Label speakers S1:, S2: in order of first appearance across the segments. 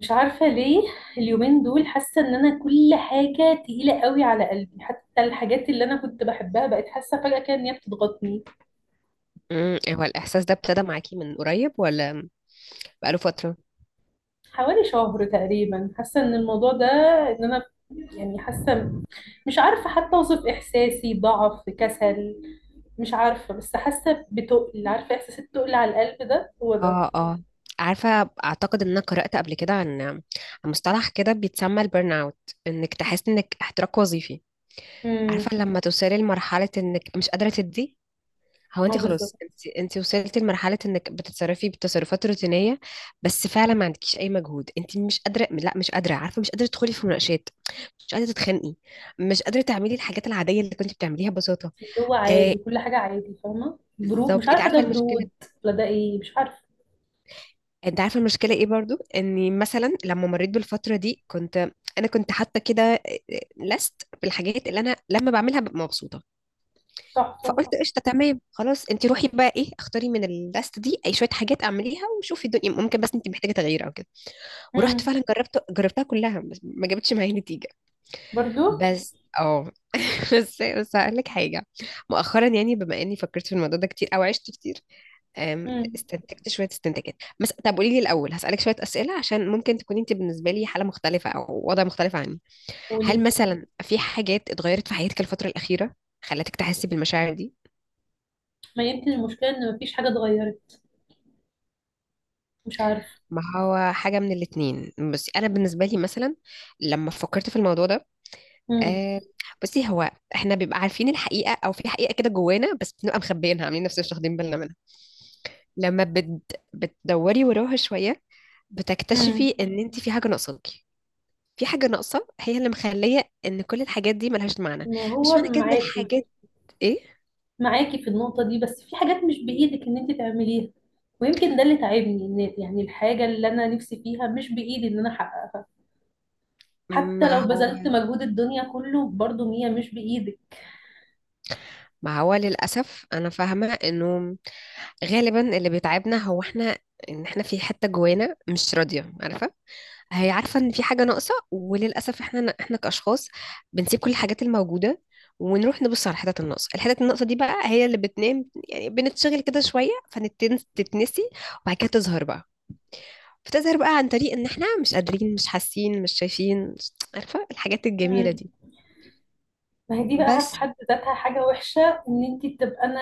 S1: مش عارفة ليه. اليومين دول حاسة ان انا كل حاجة تقيلة قوي على قلبي، حتى الحاجات اللي انا كنت بحبها بقت حاسة فجأة كده ان هي بتضغطني.
S2: هو الإحساس ده ابتدى معاكي من قريب ولا بقاله فترة؟
S1: حوالي شهر تقريبا حاسة ان الموضوع ده، ان انا يعني حاسة، مش عارفة حتى اوصف احساسي، ضعف، كسل، مش عارفة، بس حاسة بتقل، عارفة احساس التقل على القلب ده، هو ده.
S2: اه، اه، عارفة، أعتقد إن أنا قرأت قبل كده عن مصطلح كده بيتسمى البرن أوت، إنك تحس إنك احتراق وظيفي.
S1: امم.
S2: عارفة لما توصلي لمرحلة إنك مش قادرة تدي، هو
S1: هو
S2: أنت
S1: بالظبط.
S2: خلاص أنت وصلتي لمرحلة إنك بتتصرفي بتصرفات روتينية، بس فعلا ما عندكيش أي مجهود، أنت مش قادرة، لا مش قادرة، عارفة مش قادرة تدخلي في مناقشات، مش قادرة تتخانقي، مش قادرة تعملي الحاجات العادية اللي كنت بتعمليها ببساطة.
S1: اللي هو
S2: آه،
S1: عادي، كل حاجة عادي، فاهمة، برود، مش
S2: بالظبط أنت
S1: عارفة ده
S2: عارفة المشكلة.
S1: برود ولا ده ايه، مش عارفة.
S2: انت عارفه المشكله ايه؟ برضو اني مثلا لما مريت بالفتره دي انا كنت حاطه كده لست بالحاجات اللي انا لما بعملها ببقى مبسوطه،
S1: تحفة.
S2: فقلت قشطه، تمام، خلاص انت روحي بقى، ايه، اختاري من اللست دي اي شويه حاجات اعمليها وشوفي الدنيا، ممكن بس انت محتاجه تغيير او كده. ورحت
S1: امم.
S2: فعلا جربتها كلها بس ما جابتش معايا نتيجه.
S1: برضو.
S2: بس بس هقول لك حاجه. مؤخرا يعني بما اني فكرت في الموضوع ده كتير او عشت كتير،
S1: امم.
S2: استنتجت شوية استنتاجات. بس طب قولي لي الأول، هسألك شوية أسئلة عشان ممكن تكوني أنت بالنسبة لي حالة مختلفة أو وضع مختلف عني. هل
S1: قولي.
S2: مثلا في حاجات اتغيرت في حياتك الفترة الأخيرة خلتك تحسي بالمشاعر دي؟
S1: ما يمكن المشكلة ان مفيش حاجة اتغيرت، مش عارفة.
S2: ما هو حاجة من الاتنين، بس أنا بالنسبة لي مثلا لما فكرت في الموضوع ده،
S1: امم.
S2: أه، بصي هو احنا بيبقى عارفين الحقيقة أو في حقيقة كده جوانا، بس بنبقى مخبيينها عاملين نفسنا مش واخدين بالنا منها. لما بت... بتدوري وراها شوية
S1: امم.
S2: بتكتشفي إن أنت في حاجة ناقصاكي، في حاجة ناقصة هي اللي مخلية ان كل الحاجات دي ملهاش معنى.
S1: ما
S2: مش
S1: هو
S2: معنى كده ان
S1: معاكي،
S2: الحاجات ايه،
S1: معاكي في النقطة دي، بس في حاجات مش بإيدك ان انت تعمليها. ويمكن ده اللي تعبني، ان يعني الحاجة اللي انا نفسي فيها مش بإيدي ان انا احققها.
S2: ما
S1: حتى لو
S2: هو
S1: بذلت مجهود الدنيا كله، برضو هي مش بإيدك.
S2: ما هو للأسف أنا فاهمة إنه غالبا اللي بيتعبنا هو إحنا، إن إحنا في حتة جوانا مش راضية، عارفة هي عارفة إن في حاجة ناقصة. وللأسف إحنا كأشخاص بنسيب كل الحاجات الموجودة ونروح نبص على الحتت الناقصة. الحتت الناقصة دي بقى هي اللي بتنام، يعني بنتشغل كده شوية فتتنسي، وبعد كده تظهر بقى، بتظهر بقى عن طريق ان احنا مش قادرين، مش حاسين، مش شايفين، عارفة الحاجات الجميلة دي.
S1: ما هي دي بقى في
S2: بس
S1: حد ذاتها حاجة وحشة، ان انت تبقى انا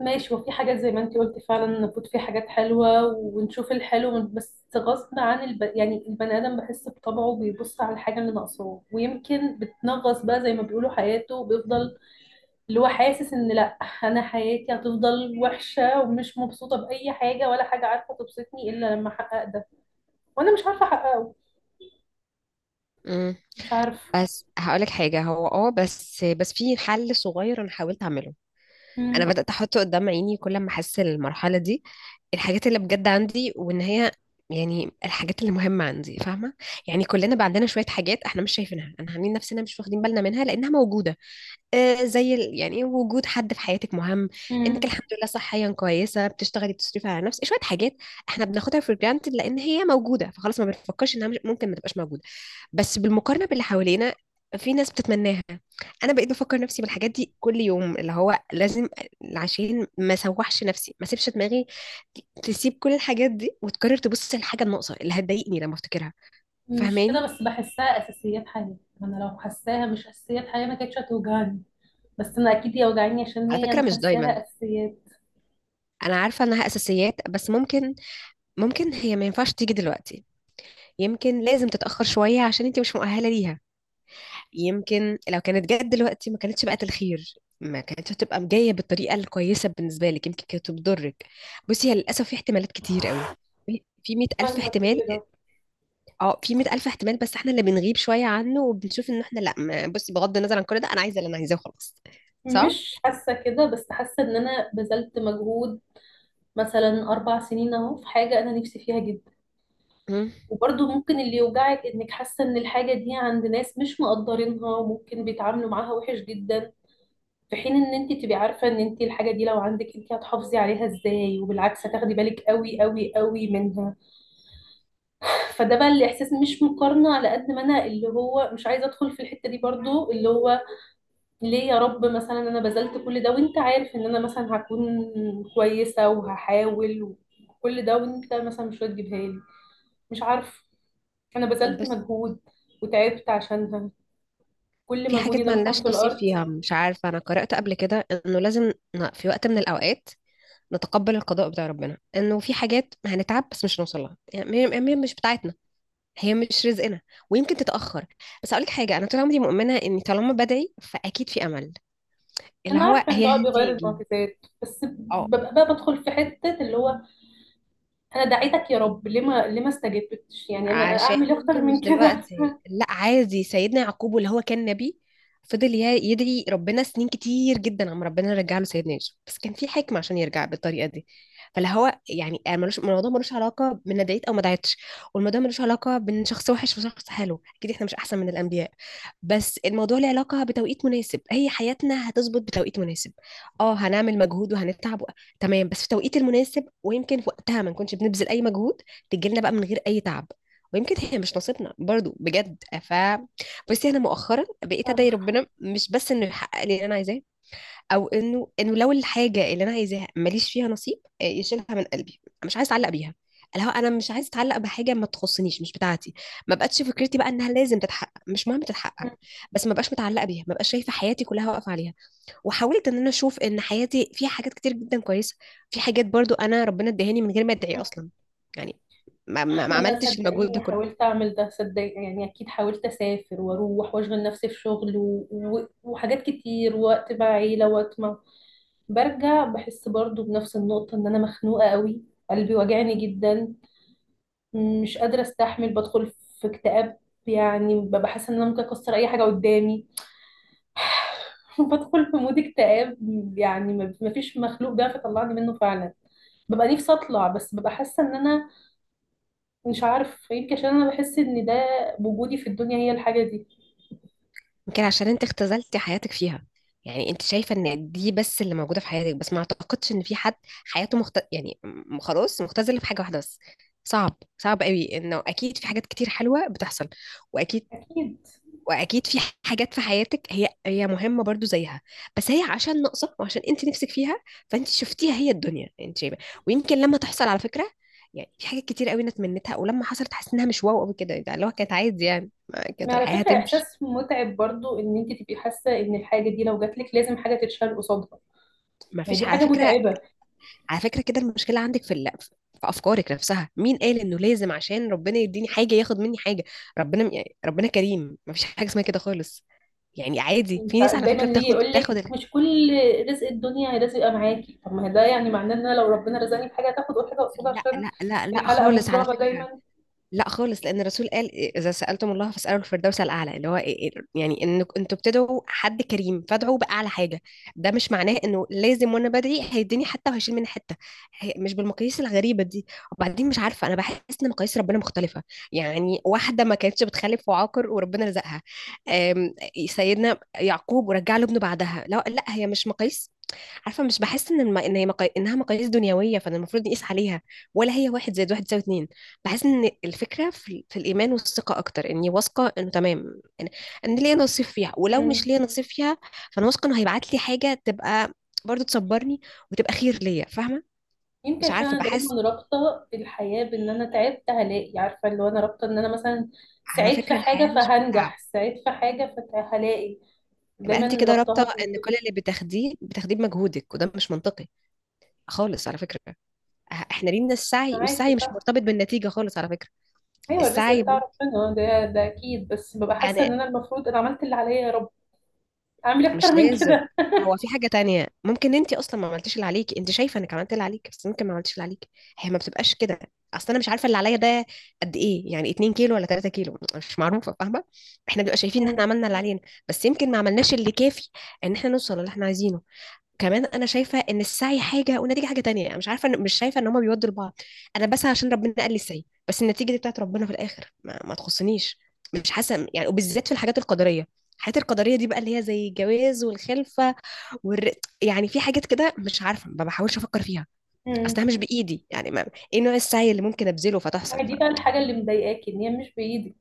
S1: ماشي، وفي حاجات زي ما انت قلتي، فعلا المفروض في حاجات حلوة ونشوف الحلو، بس غصب عن يعني البني ادم بحس بطبعه بيبص على الحاجة اللي ناقصاه، ويمكن بتنغص بقى زي ما بيقولوا حياته، وبيفضل اللي هو حاسس ان لا، انا حياتي هتفضل وحشة ومش مبسوطة بأي حاجة، ولا حاجة عارفة تبسطني الا لما احقق ده. وانا مش عارفة احققه.
S2: مم.
S1: مش عارفة.
S2: بس هقولك حاجة، هو بس في حل صغير انا حاولت اعمله، انا بدأت احطه قدام عيني كل ما احس المرحلة دي الحاجات اللي بجد عندي، وان هي يعني الحاجات اللي مهمة عندي، فاهمة؟ يعني كلنا بقى عندنا شوية حاجات احنا مش شايفينها، انا عاملين نفسنا مش واخدين بالنا منها لانها موجودة. آه، يعني إيه وجود حد في حياتك مهم،
S1: امم.
S2: انك الحمد لله صحيا كويسه، بتشتغلي، بتصرفي على نفسك شويه حاجات. احنا بناخدها في جرانتد لان هي موجوده فخلاص، ما بنفكرش انها ممكن ما تبقاش موجوده. بس بالمقارنه باللي حوالينا في ناس بتتمناها. انا بقيت بفكر نفسي بالحاجات دي كل يوم، اللي هو لازم عشان ما سوحش نفسي، ما سيبش دماغي تسيب كل الحاجات دي وتقرر تبص للحاجه الناقصه اللي هتضايقني لما افتكرها.
S1: مش
S2: فاهماني؟
S1: كده، بس بحسها اساسيات حياه. انا لو حساها مش اساسيات حياه ما كانتش هتوجعني، بس انا اكيد هي وجعاني عشان
S2: على
S1: هي
S2: فكره
S1: انا
S2: مش دايما،
S1: حساها اساسيات.
S2: انا عارفه انها اساسيات، بس ممكن هي ما ينفعش تيجي دلوقتي. يمكن لازم تتأخر شوية عشان انت مش مؤهلة ليها، يمكن لو كانت جت دلوقتي ما كانتش بقت الخير، ما كانتش هتبقى جاية بالطريقة الكويسة بالنسبة لك، يمكن كانت بتضرك. بصي هي للأسف في احتمالات كتير قوي، في 100 ألف
S1: فاهمه
S2: احتمال،
S1: كل ده.
S2: اه، في 100 ألف احتمال، بس احنا اللي بنغيب شوية عنه وبنشوف ان احنا لا، بصي بغض النظر عن كل ده انا عايزة اللي انا عايزاه وخلاص. صح؟
S1: مش حاسه كده، بس حاسه ان انا بذلت مجهود، مثلا 4 سنين اهو في حاجه انا نفسي فيها جدا.
S2: مم.
S1: وبرضه ممكن اللي يوجعك انك حاسه ان الحاجه دي عند ناس مش مقدرينها، وممكن بيتعاملوا معاها وحش جدا، في حين ان انت تبقي عارفه ان انت الحاجه دي لو عندك انت هتحافظي عليها ازاي، وبالعكس هتاخدي بالك قوي قوي قوي منها. فده بقى الاحساس، مش مقارنه، على قد ما انا اللي هو مش عايزه ادخل في الحته دي، برضو اللي هو، ليه يا رب مثلا انا بذلت كل ده، وانت عارف ان انا مثلا هكون كويسه وهحاول، وكل ده وانت مثلا مش هتجيبها لي؟ مش عارف. انا
S2: طب
S1: بذلت
S2: بس
S1: مجهود وتعبت عشانها، كل
S2: في
S1: مجهودي
S2: حاجات
S1: ده
S2: ما
S1: مثلا في
S2: لناش نصيب
S1: الارض.
S2: فيها، مش عارفة، أنا قرأت قبل كده إنه لازم في وقت من الأوقات نتقبل القضاء بتاع ربنا، انه في حاجات هنتعب بس مش هنوصل لها، يعني هي مش بتاعتنا، هي مش رزقنا، ويمكن تتأخر. بس اقول لك حاجة، انا طول عمري مؤمنة اني طالما بدعي فاكيد في امل، اللي
S1: انا
S2: هو
S1: عارفه ان ده
S2: هي
S1: بيغير
S2: هتيجي.
S1: المعجزات، بس
S2: اه،
S1: ببقى بقى بدخل في حته اللي هو، انا دعيتك يا رب، ليه ما استجبتش، يعني انا
S2: عشان
S1: اعمل إيه اكتر
S2: يمكن
S1: من
S2: مش
S1: كده؟
S2: دلوقتي. لا عادي، سيدنا يعقوب واللي هو كان نبي فضل يدعي ربنا سنين كتير جدا، عم ربنا يرجع له سيدنا يوسف، بس كان في حكمة عشان يرجع بالطريقة دي. فلا هو يعني ملوش، الموضوع ملوش علاقة بان أنا دعيت او ما دعيتش، والموضوع ملوش علاقة بان شخص وحش وشخص حلو، اكيد احنا مش احسن من الانبياء. بس الموضوع له علاقة بتوقيت مناسب، هي حياتنا هتظبط بتوقيت مناسب. اه، هنعمل مجهود وهنتعب تمام، بس في التوقيت المناسب، ويمكن في وقتها ما نكونش بنبذل اي مجهود، تجيلنا بقى من غير اي تعب. ويمكن هي مش نصيبنا برضو بجد، بصي انا مؤخرا بقيت ادعي
S1: عارفة.
S2: ربنا مش بس انه يحقق لي اللي انا عايزاه، او انه لو الحاجه اللي انا عايزاها ماليش فيها نصيب، يشيلها من قلبي، مش عايز اتعلق بيها، اللي هو انا مش عايز اتعلق بحاجه ما تخصنيش مش بتاعتي. ما بقتش فكرتي بقى انها لازم تتحقق، مش مهم تتحقق، بس ما بقاش متعلقه بيها، ما بقاش شايفه حياتي كلها واقفه عليها. وحاولت ان انا اشوف ان حياتي فيها حاجات كتير جدا كويسه، في حاجات برضو انا ربنا اداهاني من غير ما ادعي اصلا، يعني ما
S1: ما انا
S2: عملتش المجهود ده
S1: صدقيني
S2: كله.
S1: حاولت اعمل ده، صدق يعني، اكيد حاولت اسافر واروح واشغل نفسي في شغل وحاجات كتير، وقت مع عيله، وقت مع. برجع بحس برضو بنفس النقطه ان انا مخنوقه قوي، قلبي واجعني جدا، مش قادره استحمل، بدخل في اكتئاب، يعني ببقى حاسه ان انا ممكن اكسر اي حاجه قدامي. بدخل في مود اكتئاب، يعني ما فيش مخلوق بيعرف يطلعني منه فعلا. ببقى نفسي اطلع، بس ببقى حاسه ان انا مش عارف، يمكن عشان انا بحس ان ده وجودي في الدنيا، هي الحاجه دي.
S2: يمكن عشان انت اختزلتي حياتك فيها، يعني انت شايفه ان دي بس اللي موجوده في حياتك، بس ما اعتقدش ان في حد حياته خلاص مختزله في حاجه واحده بس، صعب، صعب قوي انه اكيد في حاجات كتير حلوه بتحصل، واكيد
S1: اكيد.
S2: واكيد في حاجات في حياتك هي مهمه برضو زيها، بس هي عشان ناقصه وعشان انت نفسك فيها فانت شفتيها هي الدنيا انت شايفه. ويمكن لما تحصل، على فكره يعني في حاجات كتير قوي انا اتمنيتها ولما حصلت حاسس انها مش واو قوي كده، يعني اللي هو كانت عادي، يعني كانت
S1: ما على
S2: الحياه
S1: فكره
S2: هتمشي.
S1: احساس متعب برضو، ان انت تبقي حاسه ان الحاجه دي لو جات لك لازم حاجه تتشال قصادها.
S2: ما
S1: ما هي دي
S2: فيش على
S1: حاجه
S2: فكرة.
S1: متعبه.
S2: على فكرة كده المشكلة عندك في أفكارك نفسها، مين قال إنه لازم عشان ربنا يديني حاجة ياخد مني حاجة؟ ربنا، يعني ربنا كريم، مفيش حاجة اسمها كده خالص. يعني عادي
S1: مش
S2: في ناس
S1: عارف-
S2: على
S1: دايما
S2: فكرة
S1: اللي يجي
S2: بتاخد
S1: يقول لك
S2: بتاخد ال-
S1: مش كل رزق الدنيا لازم يبقى معاكي، طب ما هي ده يعني معناه ان انا لو ربنا رزقني بحاجه هتاخد أول حاجه قصادها،
S2: لا،
S1: عشان
S2: لا، لا، لا،
S1: الحلقه
S2: خالص على
S1: مفرغه
S2: فكرة،
S1: دايما.
S2: لا خالص. لان الرسول قال اذا سالتم الله فاسالوا الفردوس الاعلى، اللي هو إيه إيه، يعني ان انتوا بتدعوا حد كريم فادعوا باعلى حاجه. ده مش معناه انه لازم وانا بدعي هيديني حته وهيشيل مني حته، مش بالمقاييس الغريبه دي. وبعدين مش عارفه، انا بحس ان مقاييس ربنا مختلفه، يعني واحده ما كانتش بتخلف وعاقر وربنا رزقها، آم، سيدنا يعقوب ورجع له ابنه بعدها. لا، لا، هي مش مقاييس، عارفه مش بحس ان انها مقاييس دنيويه فانا المفروض نقيس عليها، ولا هي واحد زائد واحد يساوي اتنين. بحس ان الفكره في الايمان والثقه، اكتر اني واثقه انه تمام، إن ليا نصيب فيها ولو مش
S1: مم.
S2: ليا نصيب فيها فانا واثقه انه هيبعت لي حاجه تبقى برضو تصبرني وتبقى خير ليا، فاهمه؟
S1: يمكن
S2: مش
S1: عشان
S2: عارفه
S1: انا دايما
S2: بحس
S1: رابطه الحياه بان انا تعبت هلاقي، عارفه اللي هو انا رابطه ان انا مثلا
S2: على
S1: سعيد في
S2: فكره الحياه
S1: حاجه
S2: مش بالتعب،
S1: فهنجح، سعيد في حاجه فهلاقي،
S2: يبقى انت
S1: دايما
S2: كده رابطه
S1: ربطها
S2: ان
S1: كده.
S2: كل اللي بتاخديه بتاخديه بمجهودك، وده مش منطقي خالص على فكره. احنا لينا السعي،
S1: معاكي
S2: والسعي مش
S1: صح.
S2: مرتبط بالنتيجه خالص على فكره.
S1: ايوه الرزق
S2: السعي
S1: بتاع ربنا، ده اكيد، بس ببقى حاسه
S2: انا
S1: ان انا المفروض انا عملت اللي عليا، يا رب اعمل اكتر
S2: مش
S1: من
S2: لازم،
S1: كده.
S2: هو في حاجة تانية، ممكن انت اصلا ما عملتيش اللي عليكي، انت شايفة انك عملت اللي عليكي بس ممكن ما عملتيش اللي عليكي، هي ما بتبقاش كده. اصل انا مش عارفة اللي عليا ده قد ايه، يعني 2 كيلو ولا 3 كيلو؟ مش معروفة، فاهمة؟ احنا بنبقى شايفين ان احنا
S1: مم.
S2: عملنا اللي علينا، بس يمكن ما عملناش اللي كافي ان احنا نوصل اللي احنا عايزينه. كمان انا شايفه ان السعي حاجه والنتيجه حاجه تانية، يعني مش عارفه، مش شايفه ان هما بيودوا لبعض. انا بسعى عشان ربنا قال لي السعي، بس النتيجه دي بتاعت ربنا في الاخر ما تخصنيش، مش حاسه يعني. وبالذات في الحاجات القدريه، الحاجات القدريه دي بقى اللي هي زي الجواز والخلفه والر... يعني في حاجات كده مش عارفه ما بحاولش افكر فيها،
S1: مم.
S2: اصلها مش بايدي، يعني ما... ايه نوع السعي اللي ممكن ابذله
S1: ما
S2: فتحصل؟
S1: هي دي بقى الحاجه اللي مضايقاكي ان هي مش بايدك.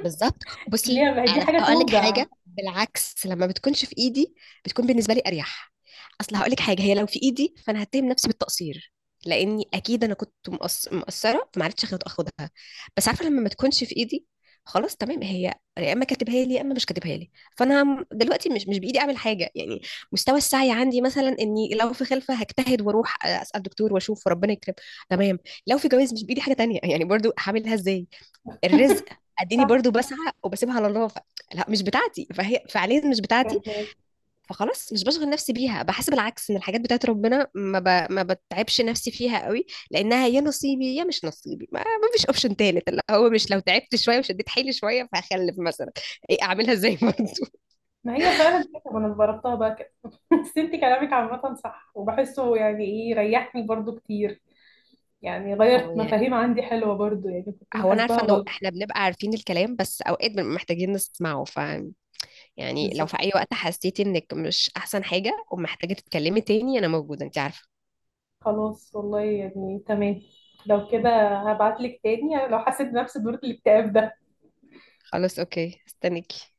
S2: بالظبط،
S1: اللي
S2: بصي
S1: هي ما هي دي حاجه
S2: هقول لك
S1: توجع.
S2: حاجه، بالعكس لما بتكونش في ايدي بتكون بالنسبه لي اريح. اصل هقول لك حاجه، هي لو في ايدي فانا هتهم نفسي بالتقصير، لاني اكيد انا كنت مقصره فما عرفتش اخدها، بس عارفه لما ما تكونش في ايدي خلاص تمام، هي يا اما كاتبها لي يا اما مش كاتبها لي، فانا دلوقتي مش بايدي اعمل حاجه يعني. مستوى السعي عندي مثلا اني لو في خلفه هجتهد واروح اسال دكتور واشوف وربنا يكرم، تمام. لو في جواز مش بايدي حاجه تانية، يعني برضو هعملها ازاي؟ الرزق اديني
S1: صح.
S2: برضو بسعى وبسيبها على الله لا مش بتاعتي، فهي فعليا مش بتاعتي
S1: فاهمك.
S2: فخلاص مش بشغل نفسي بيها. بحس بالعكس ان الحاجات بتاعت ربنا ما بتعبش نفسي فيها قوي، لانها يا نصيبي يا مش نصيبي، ما فيش اوبشن تالت، اللي هو مش لو تعبت شويه وشديت حيلي شويه فهخلف مثلا، ايه اعملها ازاي برضو.
S1: ما هي فعلا كده، وانا جربتها بقى كده. بس انت كلامك عامة صح وبحسه، يعني ايه ريحني برضو كتير، يعني
S2: اه
S1: غيرت
S2: يعني
S1: مفاهيم عندي حلوة برضو، يعني كنت
S2: هو انا
S1: محاسباها
S2: عارفه انه
S1: غلط.
S2: احنا بنبقى عارفين الكلام، بس اوقات بنبقى محتاجين نسمعه، يعني لو في اي
S1: بالظبط.
S2: وقت حسيتي انك مش احسن حاجه ومحتاجه تتكلمي تاني انا موجوده، انت عارفه.
S1: خلاص والله يعني، تمام لو كده. هبعتلك تاني لو حسيت بنفس دورة الاكتئاب ده.
S2: خلاص اوكي، استنيكي.